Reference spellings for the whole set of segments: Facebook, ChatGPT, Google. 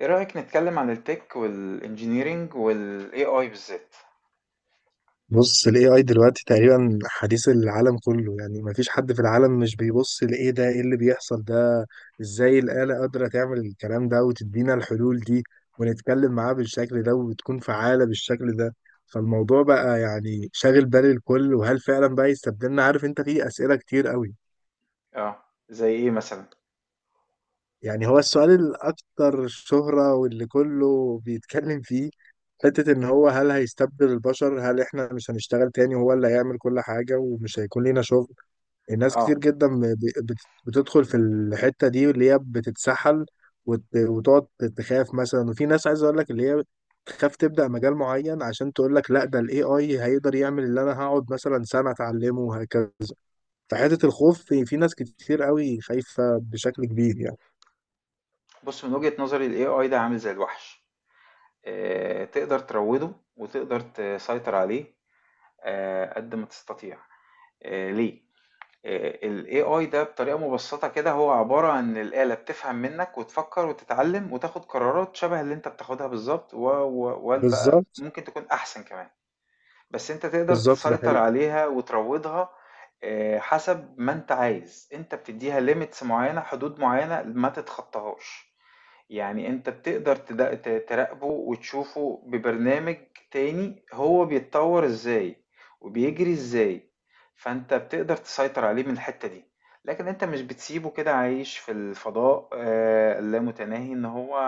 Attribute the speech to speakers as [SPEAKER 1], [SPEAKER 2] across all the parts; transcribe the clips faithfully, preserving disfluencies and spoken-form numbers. [SPEAKER 1] ايه رأيك نتكلم عن التك والانجينيرينج والاي اي بالذات.
[SPEAKER 2] بص ال ايه آي دلوقتي تقريبا حديث العالم كله. يعني مفيش حد في العالم مش بيبص لإيه ده، إيه اللي بيحصل ده، إزاي الآلة قادرة تعمل الكلام ده وتدينا الحلول دي ونتكلم معاه بالشكل ده وتكون فعالة بالشكل ده. فالموضوع بقى يعني شاغل بال الكل، وهل فعلا بقى يستبدلنا؟ عارف أنت، في أسئلة كتير قوي.
[SPEAKER 1] اه. زي ايه مثلا؟
[SPEAKER 2] يعني هو السؤال الأكثر شهرة واللي كله بيتكلم فيه حتة إن هو هل هيستبدل البشر؟ هل إحنا مش هنشتغل تاني وهو اللي هيعمل كل حاجة ومش هيكون لينا شغل؟ الناس كتير
[SPEAKER 1] اه،
[SPEAKER 2] جدا ب- بت- بتدخل في الحتة دي اللي هي بتتسحل وت- وتقعد تخاف مثلا، وفي ناس عايز اقول لك اللي هي تخاف تبدأ مجال معين عشان تقول لك لا ده الاي اي هيقدر يعمل اللي انا هقعد مثلا سنة اتعلمه وهكذا. فحتة الخوف في, في ناس كتير قوي خايفة بشكل كبير يعني.
[SPEAKER 1] بص، من وجهة نظري الاي اي ده عامل زي الوحش. آه، تقدر تروده وتقدر تسيطر عليه آه، قد ما تستطيع. آه، ليه؟ الاي اي ده بطريقة مبسطة كده هو عبارة عن الآلة بتفهم منك وتفكر وتتعلم وتاخد قرارات شبه اللي انت بتاخدها بالظبط، و- و- وبقى
[SPEAKER 2] بالظبط،
[SPEAKER 1] ممكن تكون احسن كمان. بس أنت تقدر
[SPEAKER 2] بالظبط، ده
[SPEAKER 1] تسيطر
[SPEAKER 2] حقيقي.
[SPEAKER 1] عليها وتروضها آه، حسب ما أنت عايز. أنت بتديها ليميتس معينة، حدود معينة ما تتخطاهاش. يعني أنت بتقدر تد- ت- تراقبه وتشوفه ببرنامج تاني، هو بيتطور إزاي وبيجري إزاي. فأنت بتقدر تسيطر عليه من الحتة دي. لكن أنت مش بتسيبه كده عايش في الفضاء آه، اللامتناهي إن هو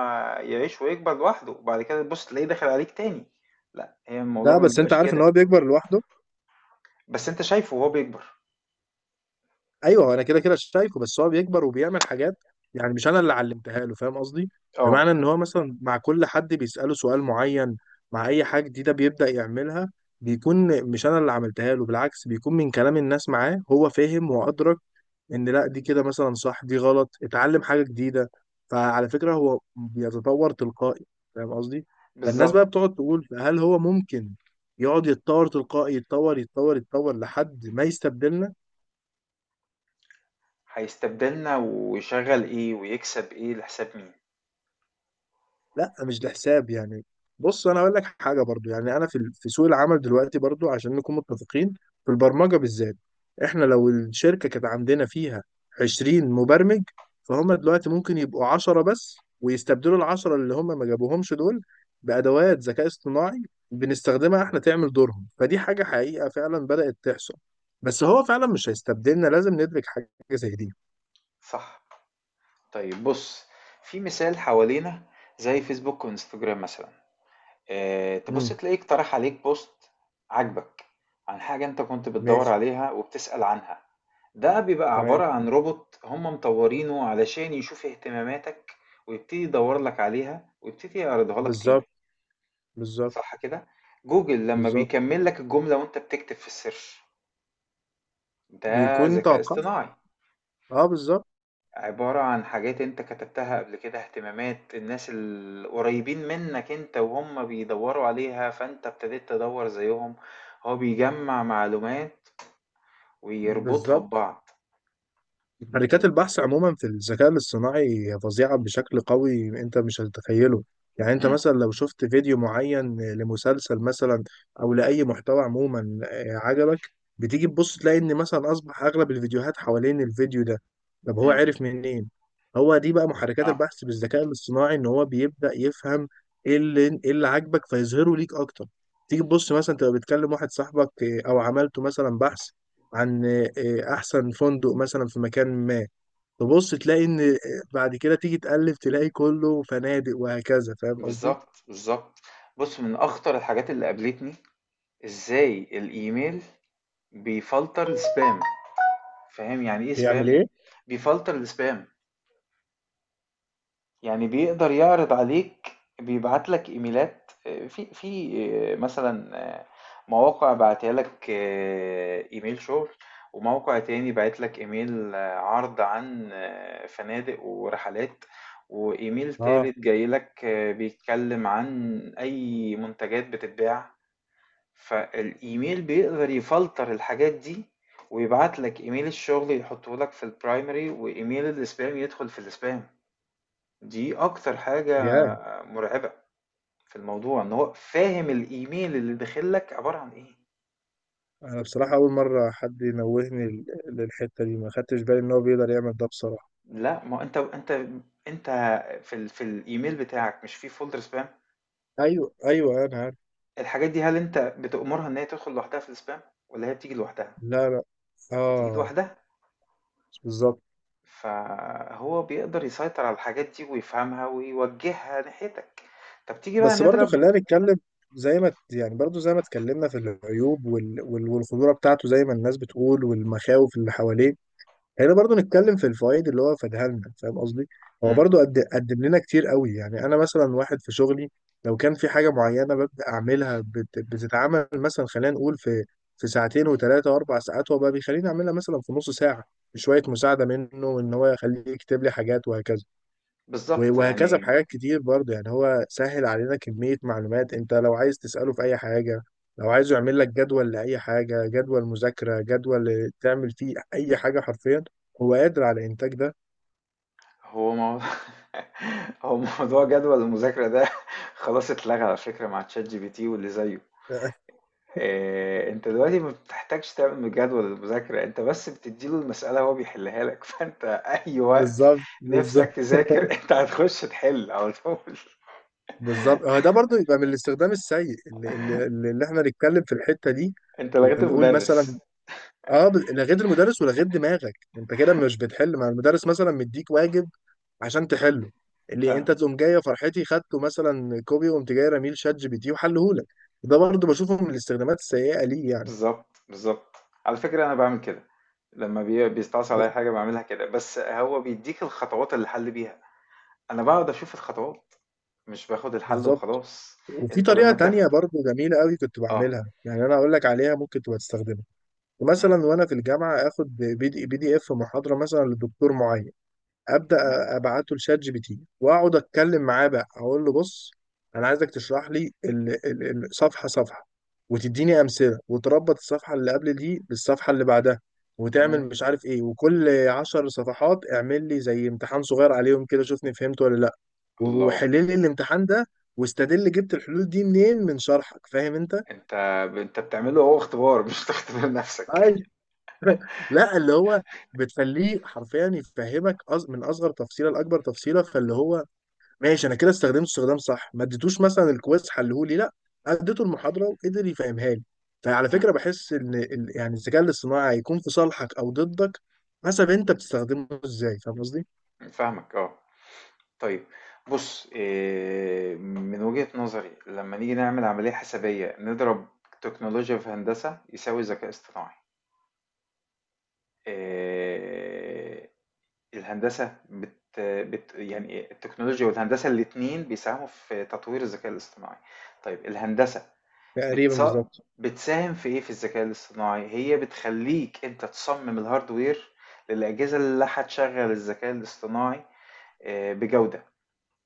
[SPEAKER 1] يعيش ويكبر لوحده وبعد كده تبص تلاقيه داخل عليك تاني. لا، هي الموضوع
[SPEAKER 2] لا
[SPEAKER 1] ما
[SPEAKER 2] بس انت
[SPEAKER 1] بيبقاش
[SPEAKER 2] عارف ان
[SPEAKER 1] كده.
[SPEAKER 2] هو بيكبر لوحده.
[SPEAKER 1] بس أنت شايفه وهو بيكبر.
[SPEAKER 2] ايوه انا كده كده شايفه، بس هو بيكبر وبيعمل حاجات يعني مش انا اللي علمتها له، فاهم قصدي؟
[SPEAKER 1] آه،
[SPEAKER 2] بمعنى ان هو مثلا مع كل حد بيساله سؤال معين، مع اي حاجه جديده بيبدا يعملها، بيكون مش انا اللي عملتها له. بالعكس بيكون من كلام الناس معاه هو فهم وادرك ان لا دي كده مثلا صح، دي غلط، اتعلم حاجه جديده. فعلى فكره هو بيتطور تلقائي، فاهم قصدي. فالناس بقى
[SPEAKER 1] بالضبط.
[SPEAKER 2] بتقعد تقول هل هو ممكن يقعد يتطور تلقائي، يتطور يتطور يتطور لحد ما يستبدلنا؟
[SPEAKER 1] هيستبدلنا ويشغّل إيه ويكسب إيه لحساب مين؟
[SPEAKER 2] لا مش ده حساب يعني. بص انا اقول لك حاجه برضو، يعني انا في ال- في سوق العمل دلوقتي برضو عشان نكون متفقين، في البرمجه بالذات، احنا لو الشركه كانت عندنا فيها عشرين مبرمج، فهم دلوقتي ممكن يبقوا عشرة بس ويستبدلوا العشرة اللي هم ما جابوهمش دول بادوات ذكاء اصطناعي بنستخدمها احنا تعمل دورهم. فدي حاجه حقيقه فعلا بدات تحصل. بس هو فعلا مش هيستبدلنا، لازم ندرك حاجه زي دي.
[SPEAKER 1] صح، طيب بُص، في مثال حوالينا، زي فيسبوك وإنستجرام مثلًا، آآ تبُص
[SPEAKER 2] امم
[SPEAKER 1] تلاقيه اقترح عليك post عاجبك عن حاجة أنت كنت بتدوّر
[SPEAKER 2] ماشي.
[SPEAKER 1] عليها وبتسأل عنها. ده بيبقى
[SPEAKER 2] تمام.
[SPEAKER 1] عبارة عن روبوت هم مطوّرينه علشان يشوف اهتماماتك ويبتدي يدوّر لك عليها ويبتدي يعرضها لك تاني.
[SPEAKER 2] بالظبط، بالظبط،
[SPEAKER 1] صح كده؟ جوجل لما
[SPEAKER 2] بالظبط.
[SPEAKER 1] بيكمل لك الجملة وأنت بتكتب في السيرش، ده
[SPEAKER 2] بيكون
[SPEAKER 1] ذكاء
[SPEAKER 2] توقع.
[SPEAKER 1] اصطناعي.
[SPEAKER 2] اه بالظبط.
[SPEAKER 1] عبارة عن حاجات أنت كتبتها قبل كده، اهتمامات الناس القريبين منك أنت وهم بيدوروا عليها فأنت ابتديت تدور زيهم. هو بيجمع معلومات ويربطها
[SPEAKER 2] بالظبط.
[SPEAKER 1] ببعض.
[SPEAKER 2] شركات
[SPEAKER 1] ال...
[SPEAKER 2] البحث عموما في الذكاء الاصطناعي فظيعة بشكل قوي، انت مش هتتخيله. يعني انت
[SPEAKER 1] مم.
[SPEAKER 2] مثلا لو شفت فيديو معين لمسلسل مثلا، او لأي محتوى عموما آه، عجبك، بتيجي تبص تلاقي ان مثلا اصبح اغلب الفيديوهات حوالين الفيديو ده. طب هو
[SPEAKER 1] مم.
[SPEAKER 2] عرف منين؟ هو دي بقى محركات
[SPEAKER 1] اه،
[SPEAKER 2] البحث بالذكاء الاصطناعي، ان هو بيبدأ يفهم ايه اللي، ايه اللي عاجبك فيظهره ليك اكتر. تيجي تبص مثلا تبقى بتكلم واحد صاحبك آه، او عملته مثلا بحث عن آه، احسن فندق مثلا في مكان ما، تبص تلاقي ان آه، بعد كده تيجي تقلب تلاقي كله فنادق وهكذا، فاهم قصدي.
[SPEAKER 1] بالظبط بالظبط. بص، من أخطر الحاجات اللي قابلتني إزاي الإيميل بيفلتر السبام. فاهم يعني إيه
[SPEAKER 2] بيعمل
[SPEAKER 1] سبام؟
[SPEAKER 2] ايه؟
[SPEAKER 1] بيفلتر السبام، يعني بيقدر يعرض عليك، بيبعت لك ايميلات آه، في في آه، مثلا آه، مواقع بعتها لك آه، ايميل شغل، وموقع تاني بعت لك ايميل آه، عرض عن آه، فنادق ورحلات، وايميل
[SPEAKER 2] اه.
[SPEAKER 1] تالت جاي لك آه، بيتكلم عن اي منتجات بتتباع. فالايميل بيقدر يفلتر الحاجات دي ويبعت لك ايميل الشغل يحطه لك في البرايمري، وايميل الاسبام يدخل في الاسبام. دي اكتر حاجة
[SPEAKER 2] يا.
[SPEAKER 1] مرعبة في الموضوع، ان هو فاهم الايميل اللي داخل لك عبارة عن ايه.
[SPEAKER 2] انا بصراحة اول مرة حد ينوهني لل- للحتة دي، ما خدتش بالي ان هو بيقدر يعمل ده بصراحة.
[SPEAKER 1] لا، ما انت انت انت في ال... في الايميل بتاعك مش في فولدر سبام.
[SPEAKER 2] ايوه ايوه انا عارف.
[SPEAKER 1] الحاجات دي هل انت بتأمرها ان هي تدخل لوحدها في السبام، ولا هي بتيجي لوحدها؟
[SPEAKER 2] لا لا.
[SPEAKER 1] بتيجي
[SPEAKER 2] اه.
[SPEAKER 1] لوحدها.
[SPEAKER 2] بالظبط.
[SPEAKER 1] فهو بيقدر يسيطر على الحاجات دي ويفهمها ويوجهها ناحيتك. طب تيجي بقى
[SPEAKER 2] بس برضو
[SPEAKER 1] نضرب.
[SPEAKER 2] خلينا نتكلم، زي ما يعني برضو زي ما اتكلمنا في العيوب وال... وال... والخطورة بتاعته زي ما الناس بتقول والمخاوف اللي حواليه، هنا برضو نتكلم في الفوائد اللي هو فادها لنا، فاهم قصدي. هو
[SPEAKER 1] مم،
[SPEAKER 2] برضو قد قدم لنا كتير قوي. يعني انا مثلا واحد في شغلي، لو كان في حاجه معينه ببدا اعملها بت... بتتعمل مثلا، خلينا نقول في في ساعتين وثلاثه واربع ساعات، هو بقى بيخليني اعملها مثلا في نص ساعه بشويه مساعده منه، ان هو يخليه يكتب لي حاجات وهكذا. و-
[SPEAKER 1] بالظبط
[SPEAKER 2] وهكذا
[SPEAKER 1] يعني.
[SPEAKER 2] بحاجات كتير برضه. يعني هو سهل علينا كمية معلومات، انت لو عايز تسأله في اي حاجة، لو عايز يعمل لك جدول لأي حاجة، جدول مذاكرة، جدول تعمل فيه اي حاجة حرفيا، هو قادر على الانتاج ده.
[SPEAKER 1] هو موضوع هو موضوع جدول المذاكرة ده خلاص اتلغى على فكرة مع تشات جي بي تي واللي زيه. آآ، أنت دلوقتي ما بتحتاجش تعمل جدول للمذاكرة، أنت بس بتدّي له المسألة هو بيحلها لك، فأنت أي وقت
[SPEAKER 2] بالظبط،
[SPEAKER 1] نِفْسك
[SPEAKER 2] بالظبط،
[SPEAKER 1] تذاكر أنت هتخش تحل على طول.
[SPEAKER 2] بالظبط، هو ده برضه يبقى من الاستخدام السيء اللي, اللي, اللي احنا نتكلم في الحتة دي،
[SPEAKER 1] أنت لغيت
[SPEAKER 2] ونقول
[SPEAKER 1] المدرس.
[SPEAKER 2] مثلا اه، ب- لغيت المدرس ولغيت دماغك، انت كده مش بتحل. مع المدرس مثلا مديك واجب عشان تحله، اللي
[SPEAKER 1] آه،
[SPEAKER 2] انت تقوم جايه فرحتي خدته مثلا كوبي وقمت جاي رميل شات جي بي تي وحلهولك، ده برضو بشوفه من الاستخدامات السيئه ليه يعني.
[SPEAKER 1] بالضبط، بالضبط. على فكرة أنا باعمل كده، لمّا بي بيستعصي
[SPEAKER 2] ب-
[SPEAKER 1] عليّا حاجة باعملها كده، بس هو بيدّيك الخطوات اللي الحل بيها، أنا باقعد أشوف الخطوات، مش باخد الحل
[SPEAKER 2] بالظبط.
[SPEAKER 1] وخلاص.
[SPEAKER 2] وفي
[SPEAKER 1] أنت
[SPEAKER 2] طريقه
[SPEAKER 1] لمّا تاخد
[SPEAKER 2] تانية برضو جميله قوي كنت
[SPEAKER 1] آه،
[SPEAKER 2] بعملها، يعني انا اقول لك عليها ممكن تبقى تستخدمها.
[SPEAKER 1] إمم،
[SPEAKER 2] مثلا وانا في الجامعه اخد بي دي بي دي اف محاضره مثلا لدكتور معين، ابدا،
[SPEAKER 1] تمام،
[SPEAKER 2] ابعته لشات جي بي تي واقعد اتكلم معاه بقى، اقول له بص انا عايزك تشرح لي ال- ال- الصفحه صفحه، وتديني امثله، وتربط الصفحه اللي قبل دي بالصفحه اللي بعدها، وتعمل
[SPEAKER 1] تمام.
[SPEAKER 2] مش عارف ايه، وكل عشر صفحات اعمل لي زي امتحان صغير عليهم كده شوفني فهمت ولا لا،
[SPEAKER 1] الله.
[SPEAKER 2] وحل لي الامتحان ده، واستدل جبت الحلول دي منين من شرحك، فاهم انت؟
[SPEAKER 1] انت انت بتعمله هو اختبار، مش بتختبر نفسك.
[SPEAKER 2] ايوه. لا اللي هو بتخليه حرفيا يفهمك أص- من اصغر تفصيله لاكبر تفصيله، فاللي هو ماشي، انا كده استخدمت استخدام صح، ما اديتوش مثلا الكويز حلهولي لا، اديته المحاضره وقدر يفهمها لي. فعلى
[SPEAKER 1] مم.
[SPEAKER 2] فكره بحس ان ال- يعني الذكاء الاصطناعي هيكون في صالحك او ضدك حسب انت بتستخدمه ازاي، فاهم قصدي.
[SPEAKER 1] فاهمك، اه. طيب بص إيه، من وجهة نظري لما نيجي نعمل عملية حسابية نضرب، تكنولوجيا في هندسة يساوي ذكاء اصطناعي. إيه، الهندسة بت بت يعني التكنولوجيا والهندسة الاتنين بيساهموا في تطوير الذكاء الاصطناعي. طيب الهندسة
[SPEAKER 2] تقريبا
[SPEAKER 1] بتص...
[SPEAKER 2] بالظبط.
[SPEAKER 1] بتساهم في ايه في الذكاء الاصطناعي؟ هي بتخليك انت تصمم الهاردوير للأجهزة اللي هتشغل الذكاء الاصطناعي آه، بجودة،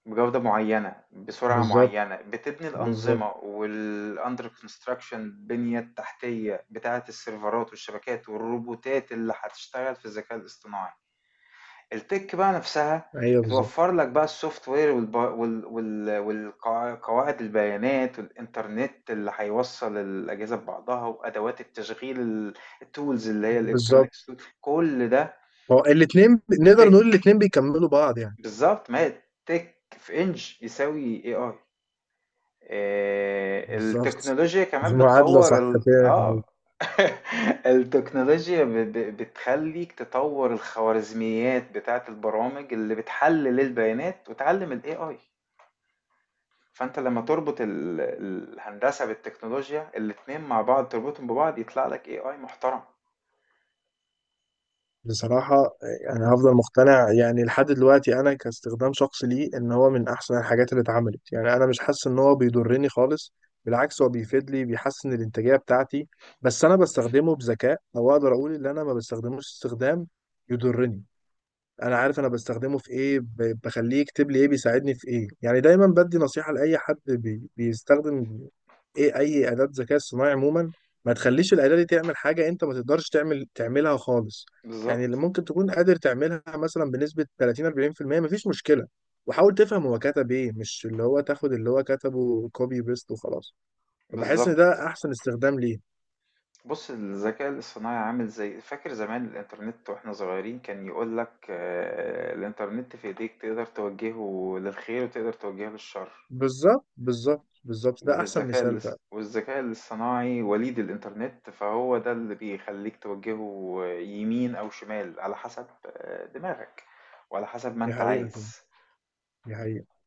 [SPEAKER 1] بجودة معينة بسرعة
[SPEAKER 2] بالظبط،
[SPEAKER 1] معينة، بتبني
[SPEAKER 2] بالظبط.
[SPEAKER 1] الأنظمة والأندر كونستراكشن، البنية التحتية بتاعة السيرفرات والشبكات والروبوتات اللي هتشتغل في الذكاء الاصطناعي. التِك بقى نفسها
[SPEAKER 2] ايوه بالظبط.
[SPEAKER 1] بتوفّر لك بقى الSoftware، والب وال وال والقوا قواعد البيانات والإنترنت اللي هيوصّل الأجهزة ببعضها، وأدوات التشغيل ال الtools، اللي هي الelectronic
[SPEAKER 2] بالظبط.
[SPEAKER 1] tool، كل ده
[SPEAKER 2] هو الاثنين، نقدر نقول
[SPEAKER 1] التِك.
[SPEAKER 2] الاثنين بيكملوا بعض يعني.
[SPEAKER 1] بالضبط، ما هي التِك في إنج يساوي إيه آي. آه،
[SPEAKER 2] بالظبط.
[SPEAKER 1] التكنولوجيا
[SPEAKER 2] دي
[SPEAKER 1] كمان
[SPEAKER 2] معادله
[SPEAKER 1] بتطور
[SPEAKER 2] صح
[SPEAKER 1] ال...
[SPEAKER 2] فعلا.
[SPEAKER 1] اه التكنولوجيا ب... ب... بتخليك تطور الخوارزميات بتاعت البرامج اللي بتحلل البيانات وتعلم ال إيه آي. فانت لما تربط ال... الهندسة بالتكنولوجيا الاتنين مع بعض، تربطهم ببعض يطلع لك إيه آي محترم.
[SPEAKER 2] بصراحة أنا هفضل مقتنع يعني لحد دلوقتي أنا كاستخدام شخصي ليه إن هو من أحسن الحاجات اللي اتعملت. يعني أنا مش حاسس إن هو بيضرني خالص، بالعكس هو بيفيد لي، بيحسن الإنتاجية بتاعتي، بس أنا بستخدمه بذكاء، أو أقدر أقول إن أنا ما بستخدموش استخدام يضرني. انا عارف انا بستخدمه في ايه، ب- بخليه يكتب لي ايه، بيساعدني في ايه. يعني دايما بدي نصيحة لاي حد بي بيستخدم ايه اي اداة ذكاء اصطناعي عموما، ما تخليش الاداة دي تعمل حاجة انت ما تقدرش تعمل تعملها خالص. يعني اللي
[SPEAKER 1] بالظبط
[SPEAKER 2] ممكن تكون قادر تعملها مثلا بنسبة تلاتين أربعين في المية مفيش مشكلة، وحاول تفهم هو كتب ايه، مش اللي هو تاخد اللي هو كتبه كوبي بيست وخلاص. فبحس ان
[SPEAKER 1] بالظبط.
[SPEAKER 2] ده احسن استخدام ليه.
[SPEAKER 1] بُص، الذكاء الاصطناعي عامل زي، فاكر زمان الإنترنت وإحنا صغيرين كان يقول لك آآ، الإنترنت في إيديك، تقدر توجهه للخير وتقدر توجهه للشر،
[SPEAKER 2] بالظبط. بالظبط، بالظبط ده احسن
[SPEAKER 1] والذكاء
[SPEAKER 2] مثال فعلا.
[SPEAKER 1] الاص والذكاء الاصطناعي وليد الإنترنت، فهو ده اللي بيخلّيك توجهه يمين أو شمال على حسب آه، دماغك وعلى حسب ما
[SPEAKER 2] دي
[SPEAKER 1] أنت
[SPEAKER 2] حقيقة فعلا.
[SPEAKER 1] عايز.
[SPEAKER 2] دي حقيقة.